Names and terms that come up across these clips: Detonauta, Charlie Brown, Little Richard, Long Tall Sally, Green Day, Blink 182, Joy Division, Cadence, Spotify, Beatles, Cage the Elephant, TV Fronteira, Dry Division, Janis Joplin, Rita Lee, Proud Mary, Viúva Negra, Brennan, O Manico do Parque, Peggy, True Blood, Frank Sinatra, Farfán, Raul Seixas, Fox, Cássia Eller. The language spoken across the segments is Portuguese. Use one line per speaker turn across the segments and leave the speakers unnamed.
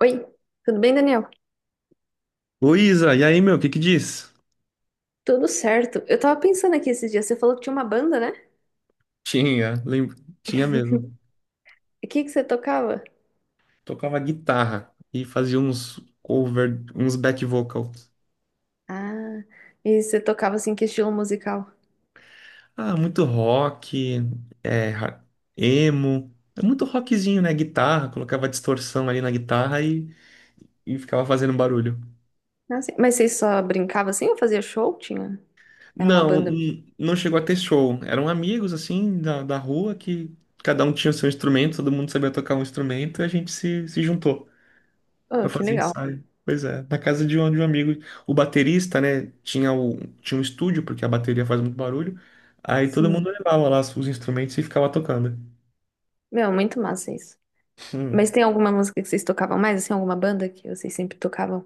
Oi, tudo bem, Daniel?
Ô Isa, e aí, meu, o que que diz?
Tudo certo. Eu tava pensando aqui esses dias, você falou que tinha uma banda, né?
Tinha, lembro, tinha mesmo.
E o que que você tocava?
Tocava guitarra e fazia uns cover, uns back vocals.
Ah, e você tocava assim, que estilo musical?
Ah, muito rock, é, emo, é muito rockzinho, né? Guitarra, colocava distorção ali na guitarra e ficava fazendo barulho.
Ah, sim. Mas vocês só brincavam assim ou fazia show? Tinha? Era uma
Não,
banda.
não chegou a ter show. Eram amigos, assim, da rua que cada um tinha o seu instrumento, todo mundo sabia tocar um instrumento e a gente se juntou.
Oh,
Pra
que
fazer
legal.
ensaio. Pois é, na casa de um amigo, o baterista, né, tinha, o, tinha um estúdio, porque a bateria faz muito barulho, aí todo
Sim.
mundo levava lá os instrumentos e ficava tocando.
Meu, muito massa isso. Mas
Hum,
tem alguma música que vocês tocavam mais, assim, alguma banda que vocês sempre tocavam?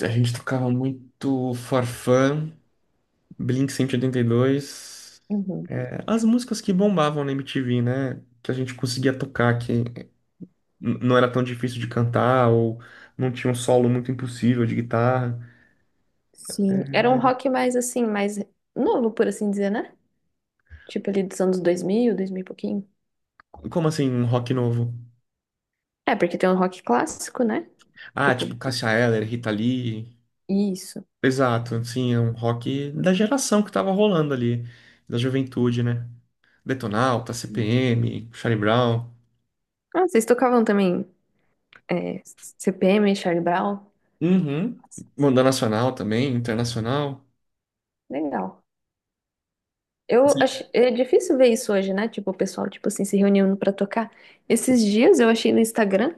a gente tocava muito Farfán, Blink 182,
Uhum.
é, as músicas que bombavam na MTV, né, que a gente conseguia tocar, que não era tão difícil de cantar, ou não tinha um solo muito impossível de guitarra.
Sim.
É.
Era um rock mais assim, mais novo, por assim dizer, né? Tipo ali dos anos 2000, 2000 e pouquinho.
Como assim, um rock novo?
É, porque tem um rock clássico, né?
Ah, tipo
Tipo,
Cássia Eller, Rita Lee...
isso.
Exato, sim, é um rock da geração que tava rolando ali, da juventude, né? Detonauta, CPM, Charlie Brown,
Ah, vocês tocavam também é, CPM, Charlie Brown?
uhum. Banda nacional também, internacional.
Legal. Eu
Sim.
acho, é difícil ver isso hoje, né? Tipo, o pessoal, tipo assim, se reunindo pra tocar. Esses dias eu achei no Instagram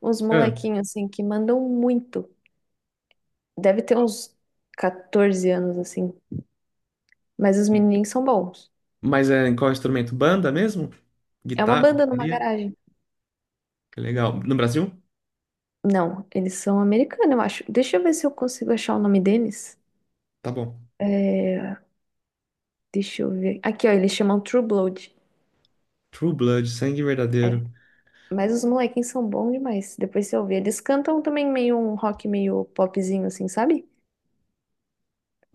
uns
Ah,
molequinhos, assim, que mandam muito. Deve ter uns 14 anos, assim. Mas os menininhos são bons.
mas é em qual instrumento? Banda mesmo?
É uma
Guitarra,
banda numa
bateria?
garagem.
Que legal. No Brasil?
Não, eles são americanos, eu acho. Deixa eu ver se eu consigo achar o nome deles.
Tá bom.
É, deixa eu ver. Aqui, ó, eles chamam True Blood.
True Blood, Sangue Verdadeiro.
Mas os molequinhos são bons demais. Depois você ouvir. Eles cantam também meio um rock meio popzinho, assim, sabe?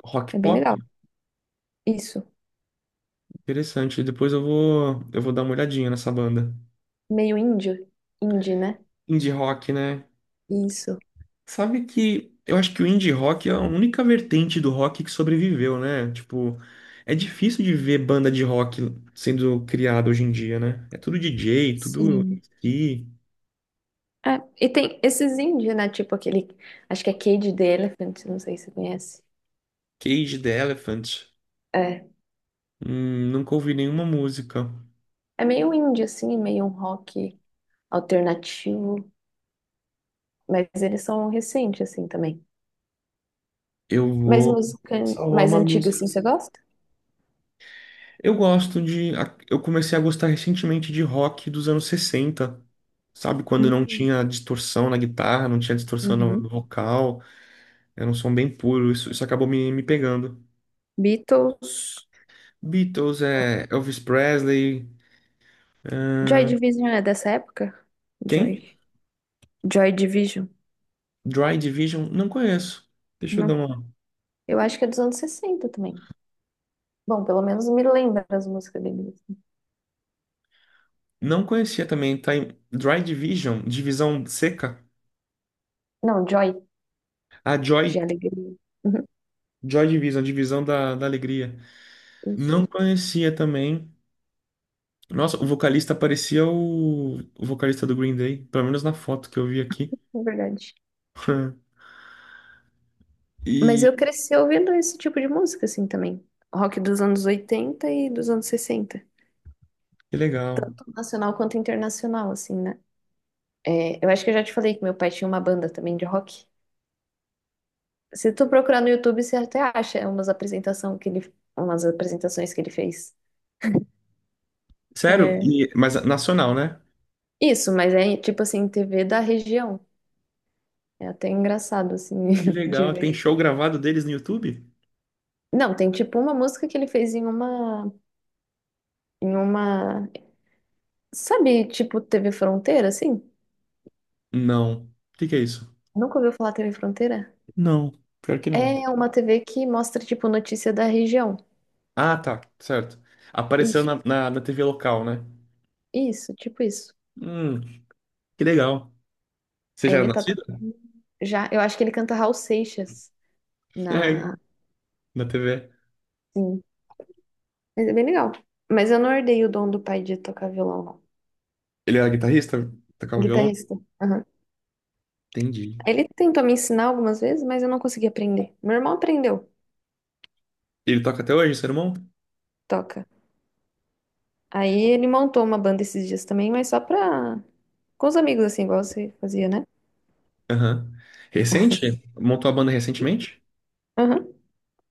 Rock
É bem
pop?
legal. Isso.
Interessante. Depois eu vou dar uma olhadinha nessa banda.
Meio índio. Indie, né?
Indie rock, né?
Isso.
Sabe que eu acho que o indie rock é a única vertente do rock que sobreviveu, né? Tipo, é difícil de ver banda de rock sendo criada hoje em dia, né? É tudo DJ, tudo
Sim.
MC,
É, e tem esses indie, né? Tipo aquele. Acho que é Cage the Elephant, não sei se você conhece.
Cage the Elephant.
É.
Nunca ouvi nenhuma música.
É meio indie, assim, meio um rock alternativo. Mas eles são recentes, assim, também.
Eu
Mas
vou
música
salvar
mais
uma
antiga,
música.
assim, você gosta?
Eu gosto de. Eu comecei a gostar recentemente de rock dos anos sessenta. Sabe, quando não
Hum.
tinha distorção na guitarra, não tinha distorção no
Uhum.
vocal, era um som bem puro, isso acabou me pegando.
Beatles.
Beatles é Elvis Presley.
Joy Division é dessa época?
Quem?
Joy. Joy Division.
Dry Division? Não conheço. Deixa eu dar
Não.
uma.
Eu acho que é dos anos 60 também. Bom, pelo menos me lembra as músicas deles.
Não conhecia também. Tá em Dry Division, divisão seca.
Não, Joy.
A
De
Joy,
alegria. Uhum.
Joy Division, divisão da alegria.
Isso,
Não conhecia também. Nossa, o vocalista parecia o vocalista do Green Day, pelo menos na foto que eu vi aqui.
é verdade. Mas eu
E
cresci ouvindo esse tipo de música, assim, também. Rock dos anos 80 e dos anos 60.
que legal.
Tanto Nacional quanto internacional, assim, né? É, eu acho que eu já te falei que meu pai tinha uma banda também de rock. Se tu procurar no YouTube, você até acha umas apresentação que ele, umas apresentações que ele fez.
Sério?
É.
Mas nacional, né?
Isso, mas é tipo assim, TV da região. É até engraçado, assim,
Que
de
legal.
ver.
Tem show gravado deles no YouTube?
Não, tem tipo uma música que ele fez em uma. Em uma. Sabe, tipo TV Fronteira, assim?
Não. O que que é isso?
Nunca ouviu falar TV Fronteira?
Não, pior que não.
É uma TV que mostra, tipo, notícia da região.
Ah, tá, certo. Apareceu
Isso,
na TV local, né?
isso, tipo isso.
Hum, que legal. Você
Aí
já era
ele tá
nascido?
tocando já. Eu acho que ele canta Raul Seixas
É,
na.
na TV.
Sim. Mas é bem legal. Mas eu não herdei o dom do pai de tocar violão, não.
Ele era guitarrista? Tocava violão?
Guitarrista.
Entendi.
Ele tentou me ensinar algumas vezes, mas eu não consegui aprender. Meu irmão aprendeu,
Ele toca até hoje, seu irmão?
toca. Aí ele montou uma banda esses dias também, mas só pra... Com os amigos, assim, igual você fazia, né?
Aham. Recente? Montou a banda recentemente?
Aham.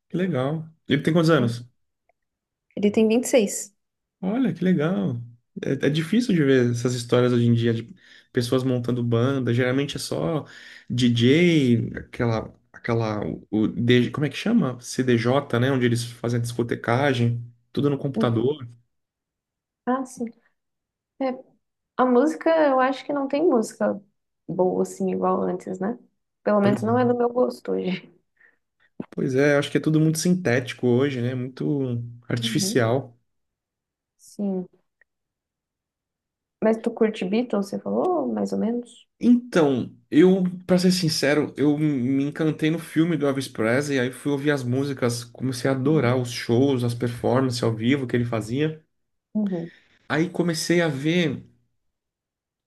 Que legal. Ele tem quantos anos?
Ele tem 26.
Olha, que legal. É, é difícil de ver essas histórias hoje em dia de pessoas montando banda. Geralmente é só DJ, aquela, o como é que chama? CDJ, né? Onde eles fazem a discotecagem, tudo no computador.
Ah, sim. É, a música, eu acho que não tem música boa, assim, igual antes, né? Pelo
Pois
menos não é
é.
do meu gosto hoje.
Pois é, acho que é tudo muito sintético hoje, né? Muito
Uhum.
artificial.
Sim. Mas tu curte Beatles, você falou, mais ou menos?
Então, eu, pra ser sincero, eu me encantei no filme do Elvis Presley, aí fui ouvir as músicas, comecei a adorar
Uhum.
os shows, as performances ao vivo que ele fazia.
Uhum.
Aí comecei a ver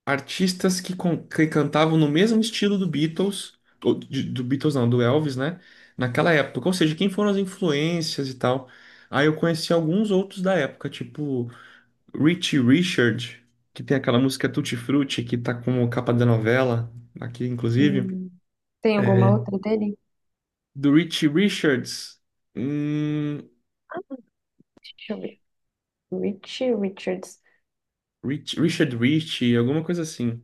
artistas que, que cantavam no mesmo estilo do Beatles, ou do Beatles não, do Elvis, né? Naquela época. Ou seja, quem foram as influências e tal. Aí eu conheci alguns outros da época, tipo Richie Richard, que tem aquela música Tutti Frutti, que tá como capa da novela, aqui inclusive.
Hum. Tem alguma
É,
outra dele?
do Richie Richards. Hum,
Ah, deixa eu ver. Richie Richards.
Richard Richie, alguma coisa assim.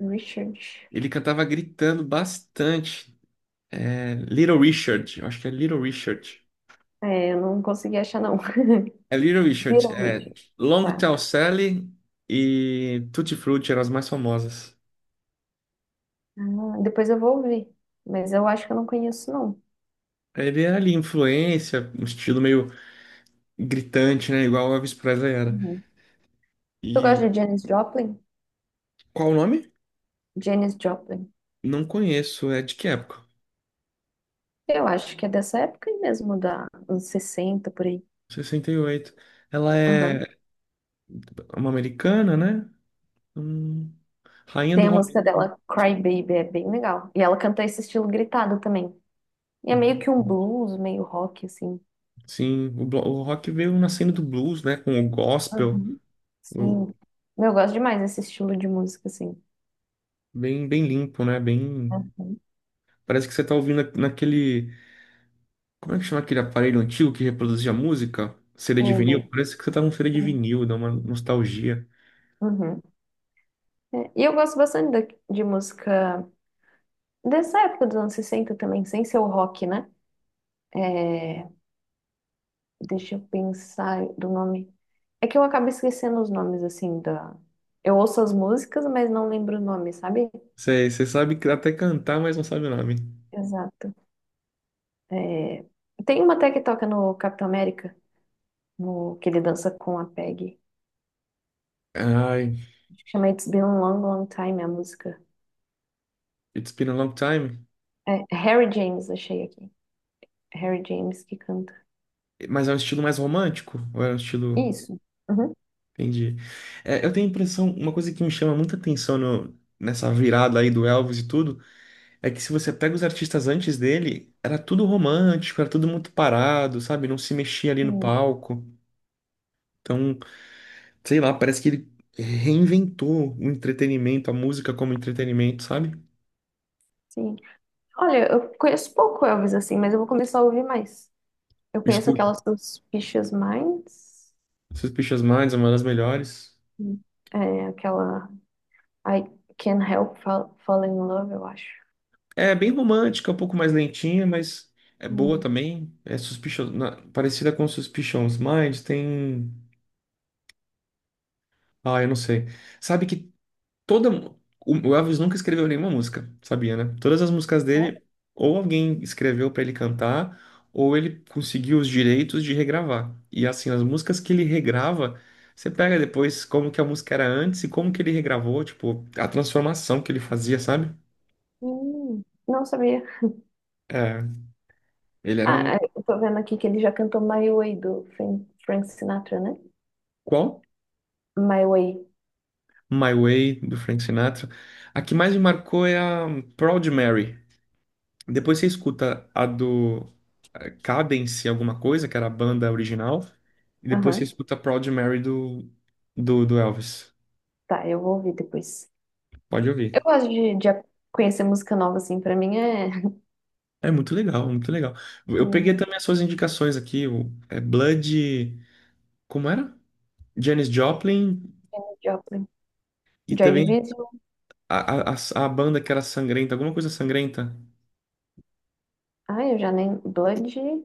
Richard.
Ele cantava gritando bastante. Little Richard, eu acho que é Little Richard.
É, eu não consegui achar, não.
É Little Richard,
Viram
é
Richard.
Long
Tá.
Tall Sally e Tutti Frutti eram as mais famosas.
Ah, depois eu vou ouvir. Mas eu acho que eu não conheço, não.
Ele era ali influência, um estilo meio gritante, né? Igual o Elvis Presley era.
Uhum. Tu gosta
E
de Janis Joplin?
qual o nome?
Janis Joplin.
Não conheço, é de que época?
Eu acho que é dessa época aí mesmo, da anos 60 por aí.
68. Ela
Aham.
é uma americana, né? Hum, rainha
Tem
do
a
rock.
música dela, Cry Baby, é bem legal. E ela canta esse estilo gritado também. E é meio que um blues, meio rock, assim.
Sim, o, o rock veio nascendo do blues, né? Com o gospel,
Uhum.
o-
Sim. Eu gosto demais desse estilo de música, assim.
bem, bem limpo, né? Bem.
Uhum.
Parece que você tá ouvindo naquele. Como é que chama aquele aparelho antigo que reproduzia música? CD de vinil?
O-
Parece que você tá num CD de
Sim.
vinil, dá uma nostalgia.
Uhum. E eu gosto bastante de música dessa época dos anos 60 também, sem ser o rock, né? É, deixa eu pensar do nome. É que eu acabo esquecendo os nomes, assim, da... Eu ouço as músicas, mas não lembro o nome, sabe?
Você, você sabe que- até cantar, mas não sabe o nome.
Exato. É. Tem uma até que toca no Capitão América, no... que ele dança com a Peggy.
Ai,
Acho que Chama It's Been a Long, Long Time, a música.
It's Been a Long Time.
É Harry James, achei aqui. É Harry James que canta.
Mas é um estilo mais romântico? Ou é um estilo.
Isso. Uhum.
Entendi. É, eu tenho a impressão, uma coisa que me chama muita atenção nessa virada aí do Elvis e tudo, é que se você pega os artistas antes dele, era tudo romântico, era tudo muito parado, sabe? Não se mexia ali no
Hum.
palco. Então. Sei lá, parece que ele reinventou o entretenimento, a música como entretenimento, sabe?
Sim. Olha, eu conheço pouco Elvis assim, mas eu vou começar a ouvir mais. Eu conheço
Escuta,
aquela Suspicious Minds.
Suspicious Minds é uma das melhores.
Hum. é, aquela I Can't Help Fall in Love, eu acho.
É bem romântica, um pouco mais lentinha, mas é boa
Hum.
também. É Suspicious, parecida com Suspicious Minds, tem. Ah, eu não sei. Sabe que toda. O Elvis nunca escreveu nenhuma música, sabia, né? Todas as músicas dele, ou alguém escreveu pra ele cantar, ou ele conseguiu os direitos de regravar. E assim, as músicas que ele regrava, você pega depois como que a música era antes e como que ele regravou, tipo, a transformação que ele fazia, sabe?
Não sabia.
É, ele era um.
Ah, é, eu tô vendo aqui que ele já cantou My Way do Frank Sinatra, né?
Qual?
My Way.
My Way, do Frank Sinatra. A que mais me marcou é a Proud Mary. Depois você escuta a do Cadence alguma coisa, que era a banda original, e depois você
Aham.
escuta Proud Mary do, do, do Elvis.
Tá, eu vou ouvir depois.
Pode ouvir.
Eu gosto de conhecer música nova, assim, pra mim é
É muito legal, muito legal. Eu
Hum.
peguei também as suas indicações aqui, o é Blood, como era? Janis Joplin
Joplin.
e
Joy
também
Division.
a, a banda que era sangrenta, alguma coisa sangrenta.
Ah, eu já nem. Blood.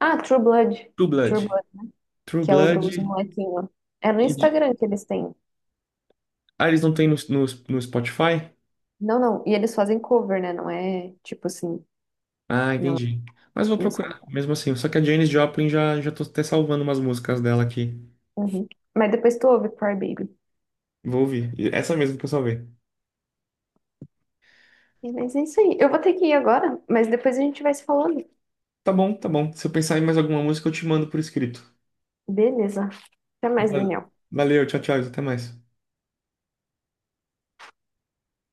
Ah, True Blood.
True
True
Blood.
Blood, né?
True
Que é o
Blood
dos molequinhos. É no
e...
Instagram que eles têm.
Ah, eles não têm no Spotify?
Não, não. E eles fazem cover, né? Não é tipo assim.
Ah,
Não, é
entendi. Mas vou
música.
procurar, mesmo assim. Só que a Janis Joplin já, já tô até salvando umas músicas dela aqui.
Uhum. Mas depois tu ouve Cry Baby.
Vou ouvir. E essa mesmo que eu salvei.
É, mas é isso aí. Eu vou ter que ir agora, mas depois a gente vai se falando.
Tá bom, tá bom. Se eu pensar em mais alguma música, eu te mando por escrito.
Beleza. Até mais,
Va-
Daniel.
Valeu, tchau, tchau. Até mais.